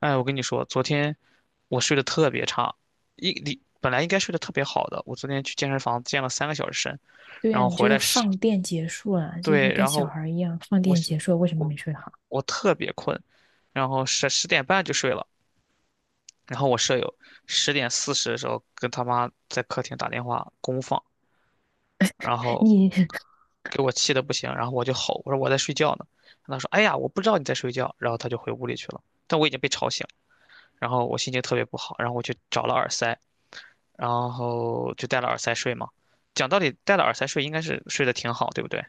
哎，我跟你说，昨天我睡得特别差，你本来应该睡得特别好的，我昨天去健身房健了3个小时身，对然呀、后你回这都来十，放电结束了，就是对，跟然小后孩儿一样，放我电结束了为什么我没睡好？我特别困，然后10点半就睡了，然后我舍友10点40的时候跟他妈在客厅打电话公放，然后你 给我气得不行，然后我就吼，我说我在睡觉呢。他说哎呀我不知道你在睡觉，然后他就回屋里去了，但我已经被吵醒了。然后我心情特别不好，然后我去找了耳塞。然后就带了耳塞睡嘛。讲道理，带了耳塞睡应该是睡得挺好，对不对？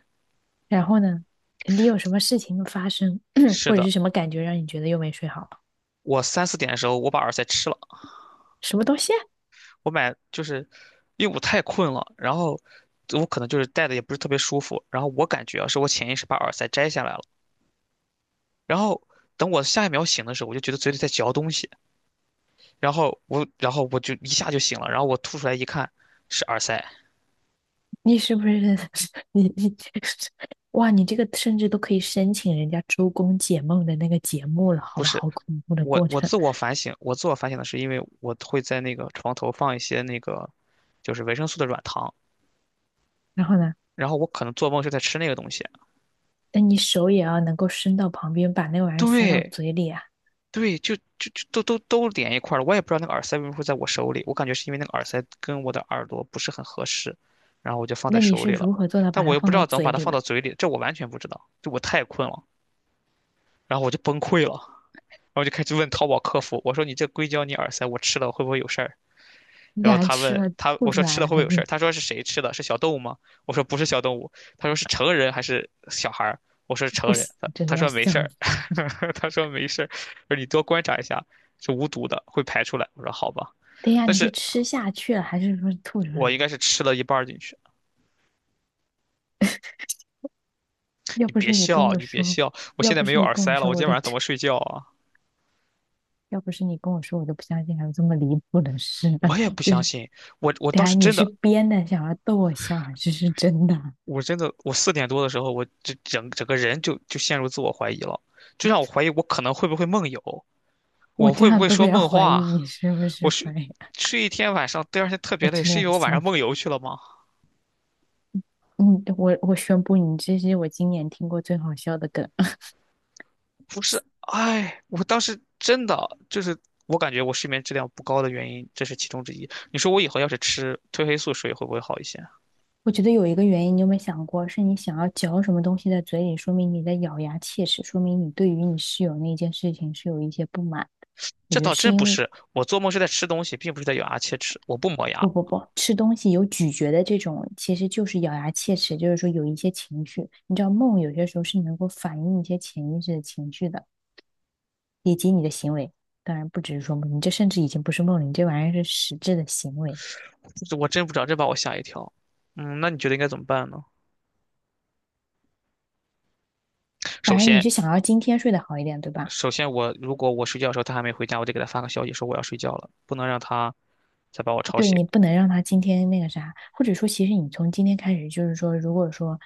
然后呢，肯定有什么事情发生，是或者的，是什么感觉让你觉得又没睡好？我3、4点的时候我把耳塞吃了，什么东西啊？我买就是因为我太困了，然后我可能就是戴的也不是特别舒服，然后我感觉啊是我潜意识把耳塞摘下来了，然后等我下一秒醒的时候，我就觉得嘴里在嚼东西，然后我就一下就醒了，然后我吐出来一看是耳塞。你是不是 你 哇？你这个甚至都可以申请人家周公解梦的那个节目了，好不吧？是，好恐怖的我过我程。自我反省，我自我反省的是因为我会在那个床头放一些那个，就是维生素的软糖，然后呢，然后我可能做梦就在吃那个东西。那你手也要能够伸到旁边，把那玩意儿塞到对嘴里啊？对，就都连一块儿了，我也不知道那个耳塞为什么会在我手里，我感觉是因为那个耳塞跟我的耳朵不是很合适，然后我就放在那你手是里了，如何做到但把我它又不放知到道怎么嘴把它里放呢？到嘴里，这我完全不知道，就我太困了，然后我就崩溃了，然后就开始问淘宝客服，我说你这硅胶你耳塞我吃了会不会有事儿？你然后俩他吃问了他，吐我出说吃来了了会不还会有事是？儿？他说是谁吃的？是小动物吗？我说不是小动物。他说是成人还是小孩儿？我说是不成人。行，他真他的要说没事笑儿，死了。他说没事儿，说你多观察一下，是无毒的，会排出来。我说好吧，等一下，但你是是吃下去了，还是说吐出来我了？应该是吃了一半儿进去。要你不别是你跟笑，我你别说，笑，我要现在不没是有你耳跟我塞了，说，我今我天都，晚上怎么睡觉啊？要不是你跟我说，我都不相信还有这么离谱的事。我也 不就相是信，我我等当一下时你真是的，编的，想要逗我笑，还是是真的？我真的，我四点多的时候，我这整个人就陷入自我怀疑了，就让我怀疑我可能会不会梦游。我我这会不样会都说会要梦怀疑话？你是不我是怀睡疑，睡一天晚上，第二天特我别累，真的是要因为我晚笑上死。梦游去了吗？嗯，我宣布，你这是我今年听过最好笑的梗。不是，哎，我当时真的就是我感觉我睡眠质量不高的原因，这是其中之一。你说我以后要是吃褪黑素水会不会好一些？我觉得有一个原因，你有没有想过，是你想要嚼什么东西在嘴里，说明你在咬牙切齿，说明你对于你室友那件事情是有一些不满的。我这觉得倒是真因不为是，我做梦是在吃东西，并不是在咬牙切齿。我不磨牙，不不不，吃东西有咀嚼的这种，其实就是咬牙切齿，就是说有一些情绪。你知道梦有些时候是能够反映一些潜意识的情绪的，以及你的行为。当然不只是说梦，你这甚至已经不是梦了，你这玩意儿是实质的行为。这我真不知道，这把我吓一跳。嗯，那你觉得应该怎么办呢？首反而你先，是想要今天睡得好一点，对吧？首先我如果我睡觉的时候他还没回家，我得给他发个消息说我要睡觉了，不能让他再把我吵对醒。你不能让他今天那个啥，或者说，其实你从今天开始，就是说，如果说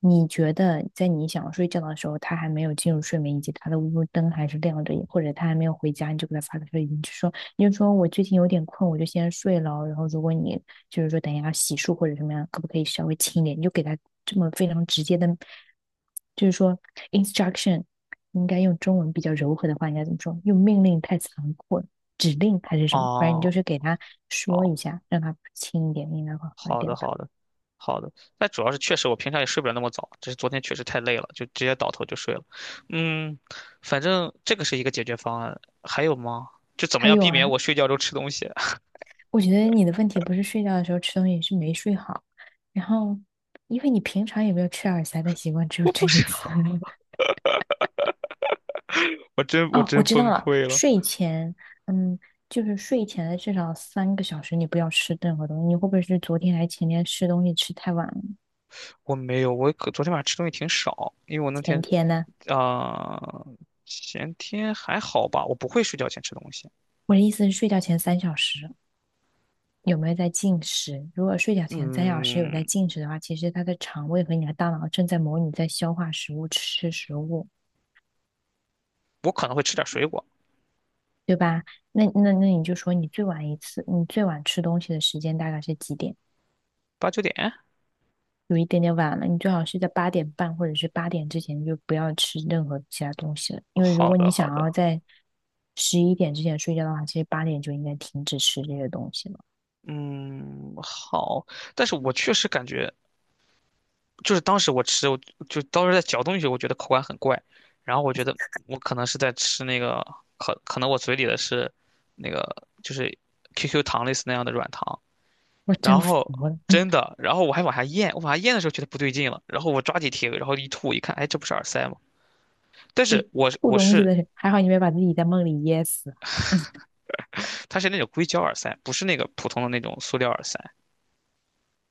你觉得在你想要睡觉的时候，他还没有进入睡眠，以及他的屋灯还是亮着，或者他还没有回家，你就给他发个消息，你就说你就说我最近有点困，我就先睡了。然后如果你就是说等一下洗漱或者什么样，可不可以稍微轻一点？你就给他这么非常直接的，就是说 instruction,你应该用中文比较柔和的话，应该怎么说？用命令太残酷了，指令还是什么？反正你就哦，是给他说哦，一下，让他轻一点，应该会好一好的，点吧。好的，好的。但主要是确实我平常也睡不了那么早，只是昨天确实太累了，就直接倒头就睡了。嗯，反正这个是一个解决方案，还有吗？就怎么还样有避啊，免我睡觉中吃东西？我觉得你的问题不是睡觉的时候吃东西，是没睡好，然后因为你平常也没有吃耳塞的习惯，只有我不这一是，次。我哦，我真知道崩了，溃了。睡前，嗯，就是睡前的至少3个小时，你不要吃任何东西。你会不会是昨天还是前天吃东西吃太晚了？我没有，我可昨天晚上吃东西挺少，因为我那前天天呢？啊、呃前天还好吧，我不会睡觉前吃东西。我的意思是睡觉前三小时有没有在进食？如果睡觉前三小时有嗯，在进食的话，其实他的肠胃和你的大脑正在模拟在消化食物、吃食物，我可能会吃点水果，对吧？那你就说你最晚一次，你最晚吃东西的时间大概是几点？8、9点。有一点点晚了，你最好是在8点半或者是八点之前就不要吃任何其他东西了，因为如好果你的，好想的。要在11点之前睡觉的话，其实八点就应该停止吃这些东西了。嗯，好，但是我确实感觉，就是当时我吃，我就当时在嚼东西我觉得口感很怪，然后我觉得我可能是在吃那个，可能我嘴里的是那个就是 QQ 糖类似那样的软糖，我真然服后了，真的，然后我还往下咽，我往下咽的时候觉得不对劲了，然后我抓紧铁，然后一吐一看，哎，这不是耳塞吗？但是我是 吐我东西的是人，还好你没把自己在梦里噎死，它是那种硅胶耳塞，不是那个普通的那种塑料耳塞。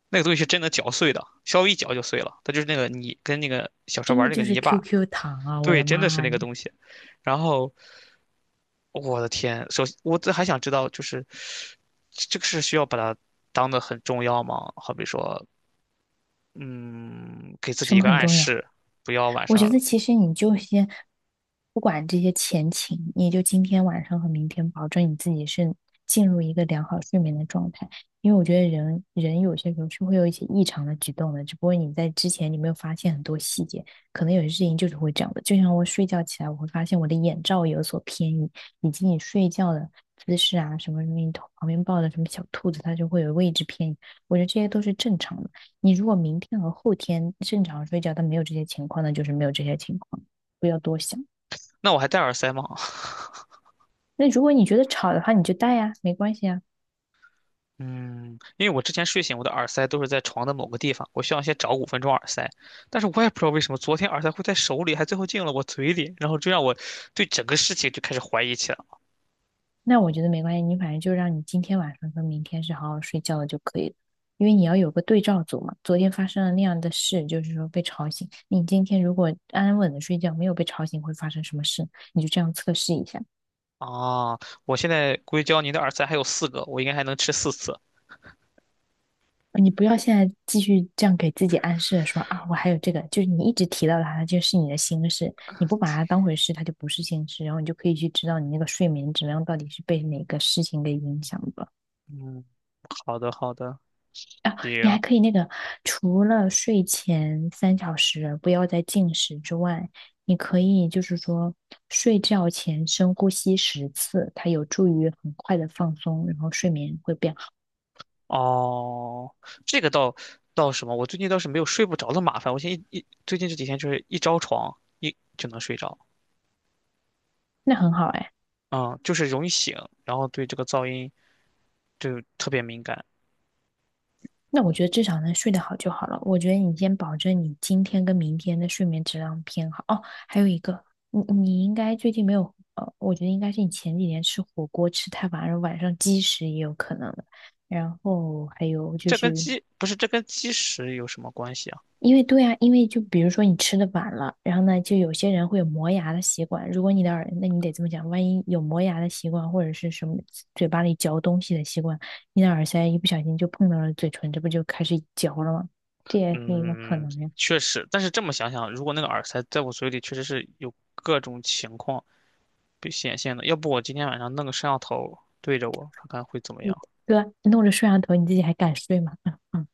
那个东西是真的嚼碎的，稍微一嚼就碎了。它就是那个泥，跟那个小时候真玩的那个就是 泥巴，QQ 糖啊！我对，的真的是妈那个呀，东西。然后我的天，我这还想知道，就是这个是需要把它当的很重要吗？好比说，嗯，给自己什一么个很暗重要？示，不要晚我觉上。得其实你就先不管这些前情，你就今天晚上和明天保证你自己是进入一个良好睡眠的状态，因为我觉得人人有些时候是会有一些异常的举动的，只不过你在之前你没有发现很多细节，可能有些事情就是会这样的。就像我睡觉起来，我会发现我的眼罩有所偏移，以及你睡觉的姿势啊，什么什么你头旁边抱的什么小兔子，它就会有位置偏移，我觉得这些都是正常的。你如果明天和后天正常睡觉，但没有这些情况，那就是没有这些情况，不要多想。那我还戴耳塞吗？那如果你觉得吵的话，你就带呀，没关系啊。嗯，因为我之前睡醒，我的耳塞都是在床的某个地方，我需要先找5分钟耳塞。但是我也不知道为什么，昨天耳塞会在手里，还最后进了我嘴里，然后就让我对整个事情就开始怀疑起来。那我觉得没关系，你反正就让你今天晚上跟明天是好好睡觉的就可以了，因为你要有个对照组嘛。昨天发生了那样的事，就是说被吵醒，你今天如果安稳的睡觉，没有被吵醒，会发生什么事？你就这样测试一下。啊，我现在硅胶泥的耳塞还有4个，我应该还能吃4次。你不要现在继续这样给自己暗示说啊，我还有这个，就是你一直提到它，它就是你的心事，你不把它当回事，它就不是心事，然后你就可以去知道你那个睡眠质量到底是被哪个事情给影响的。嗯，好的好的，啊，你还行。可以那个，除了睡前三小时不要再进食之外，你可以就是说睡觉前深呼吸10次，它有助于很快的放松，然后睡眠会变好，哦，这个倒什么？我最近倒是没有睡不着的麻烦。我现在最近这几天就是一着床一就能睡着，那很好哎。嗯，就是容易醒，然后对这个噪音就特别敏感。那我觉得至少能睡得好就好了。我觉得你先保证你今天跟明天的睡眠质量偏好。哦，还有一个，你应该最近没有，呃，我觉得应该是你前几天吃火锅吃太晚了，晚上积食也有可能的。然后还有就这跟是，基不是这跟基食有什么关系啊？因为对啊，因为就比如说你吃的晚了，然后呢，就有些人会有磨牙的习惯。如果你的耳，那你得这么讲，万一有磨牙的习惯，或者是什么嘴巴里嚼东西的习惯，你的耳塞一不小心就碰到了嘴唇，这不就开始嚼了吗？这也是一个可嗯，能呀，确实，但是这么想想，如果那个耳塞在我嘴里，确实是有各种情况。被显现的。要不我今天晚上弄个摄像头对着我，看看会怎么样？对吧？弄着摄像头，你自己还敢睡吗？嗯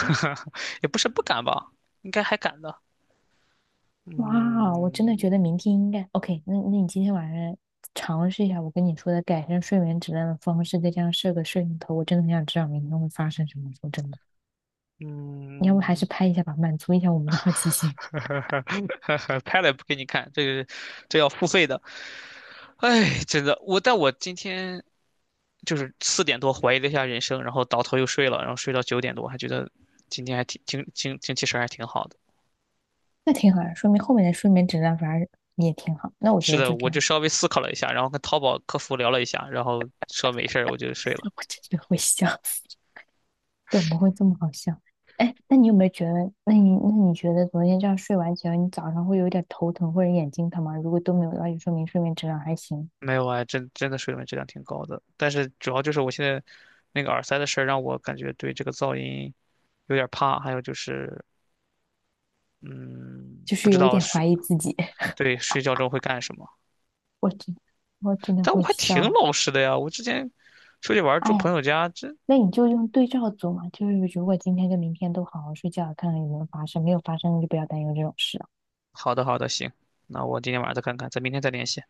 嗯，也不是不敢吧，应该还敢的。哇哦，我真的嗯觉得明天应该 OK 那。那你今天晚上尝试一下我跟你说的改善睡眠质量的方式，再加上设个摄像头，我真的很想知道明天会发生什么。说真的。你要不还是嗯，拍一下吧，满足一下我们的好奇心，拍了也不给你看，这要付费的。哎，真的，我今天就是四点多怀疑了一下人生，然后倒头又睡了，然后睡到9点多，还觉得今天还挺精气神儿还挺好的。那挺好的，说明后面的睡眠质量反而也挺好。那我觉是得的，就我挺好，就稍微思考了一下，然后跟淘宝客服聊了一下，然后说没事儿，我就睡了。我真的会笑死，怎么会这么好笑？哎，那你有没有觉得，那你觉得昨天这样睡完觉，你早上会有一点头疼或者眼睛疼吗？如果都没有的话，就说明睡眠质量还行，没有啊，真的水文质量挺高的，但是主要就是我现在那个耳塞的事儿让我感觉对这个噪音有点儿怕，还有就是，嗯，就不是知有一道点睡怀疑自己。对睡觉中会干什么。我真我真的但我会还笑挺啊，老实的呀，我之前出去玩儿哎住呀。朋友家，那你就用对照组嘛，就是如果今天跟明天都好好睡觉，看看有没有发生，没有发生就不要担忧这种事。好的好的，行，那我今天晚上再看看，咱明天再联系。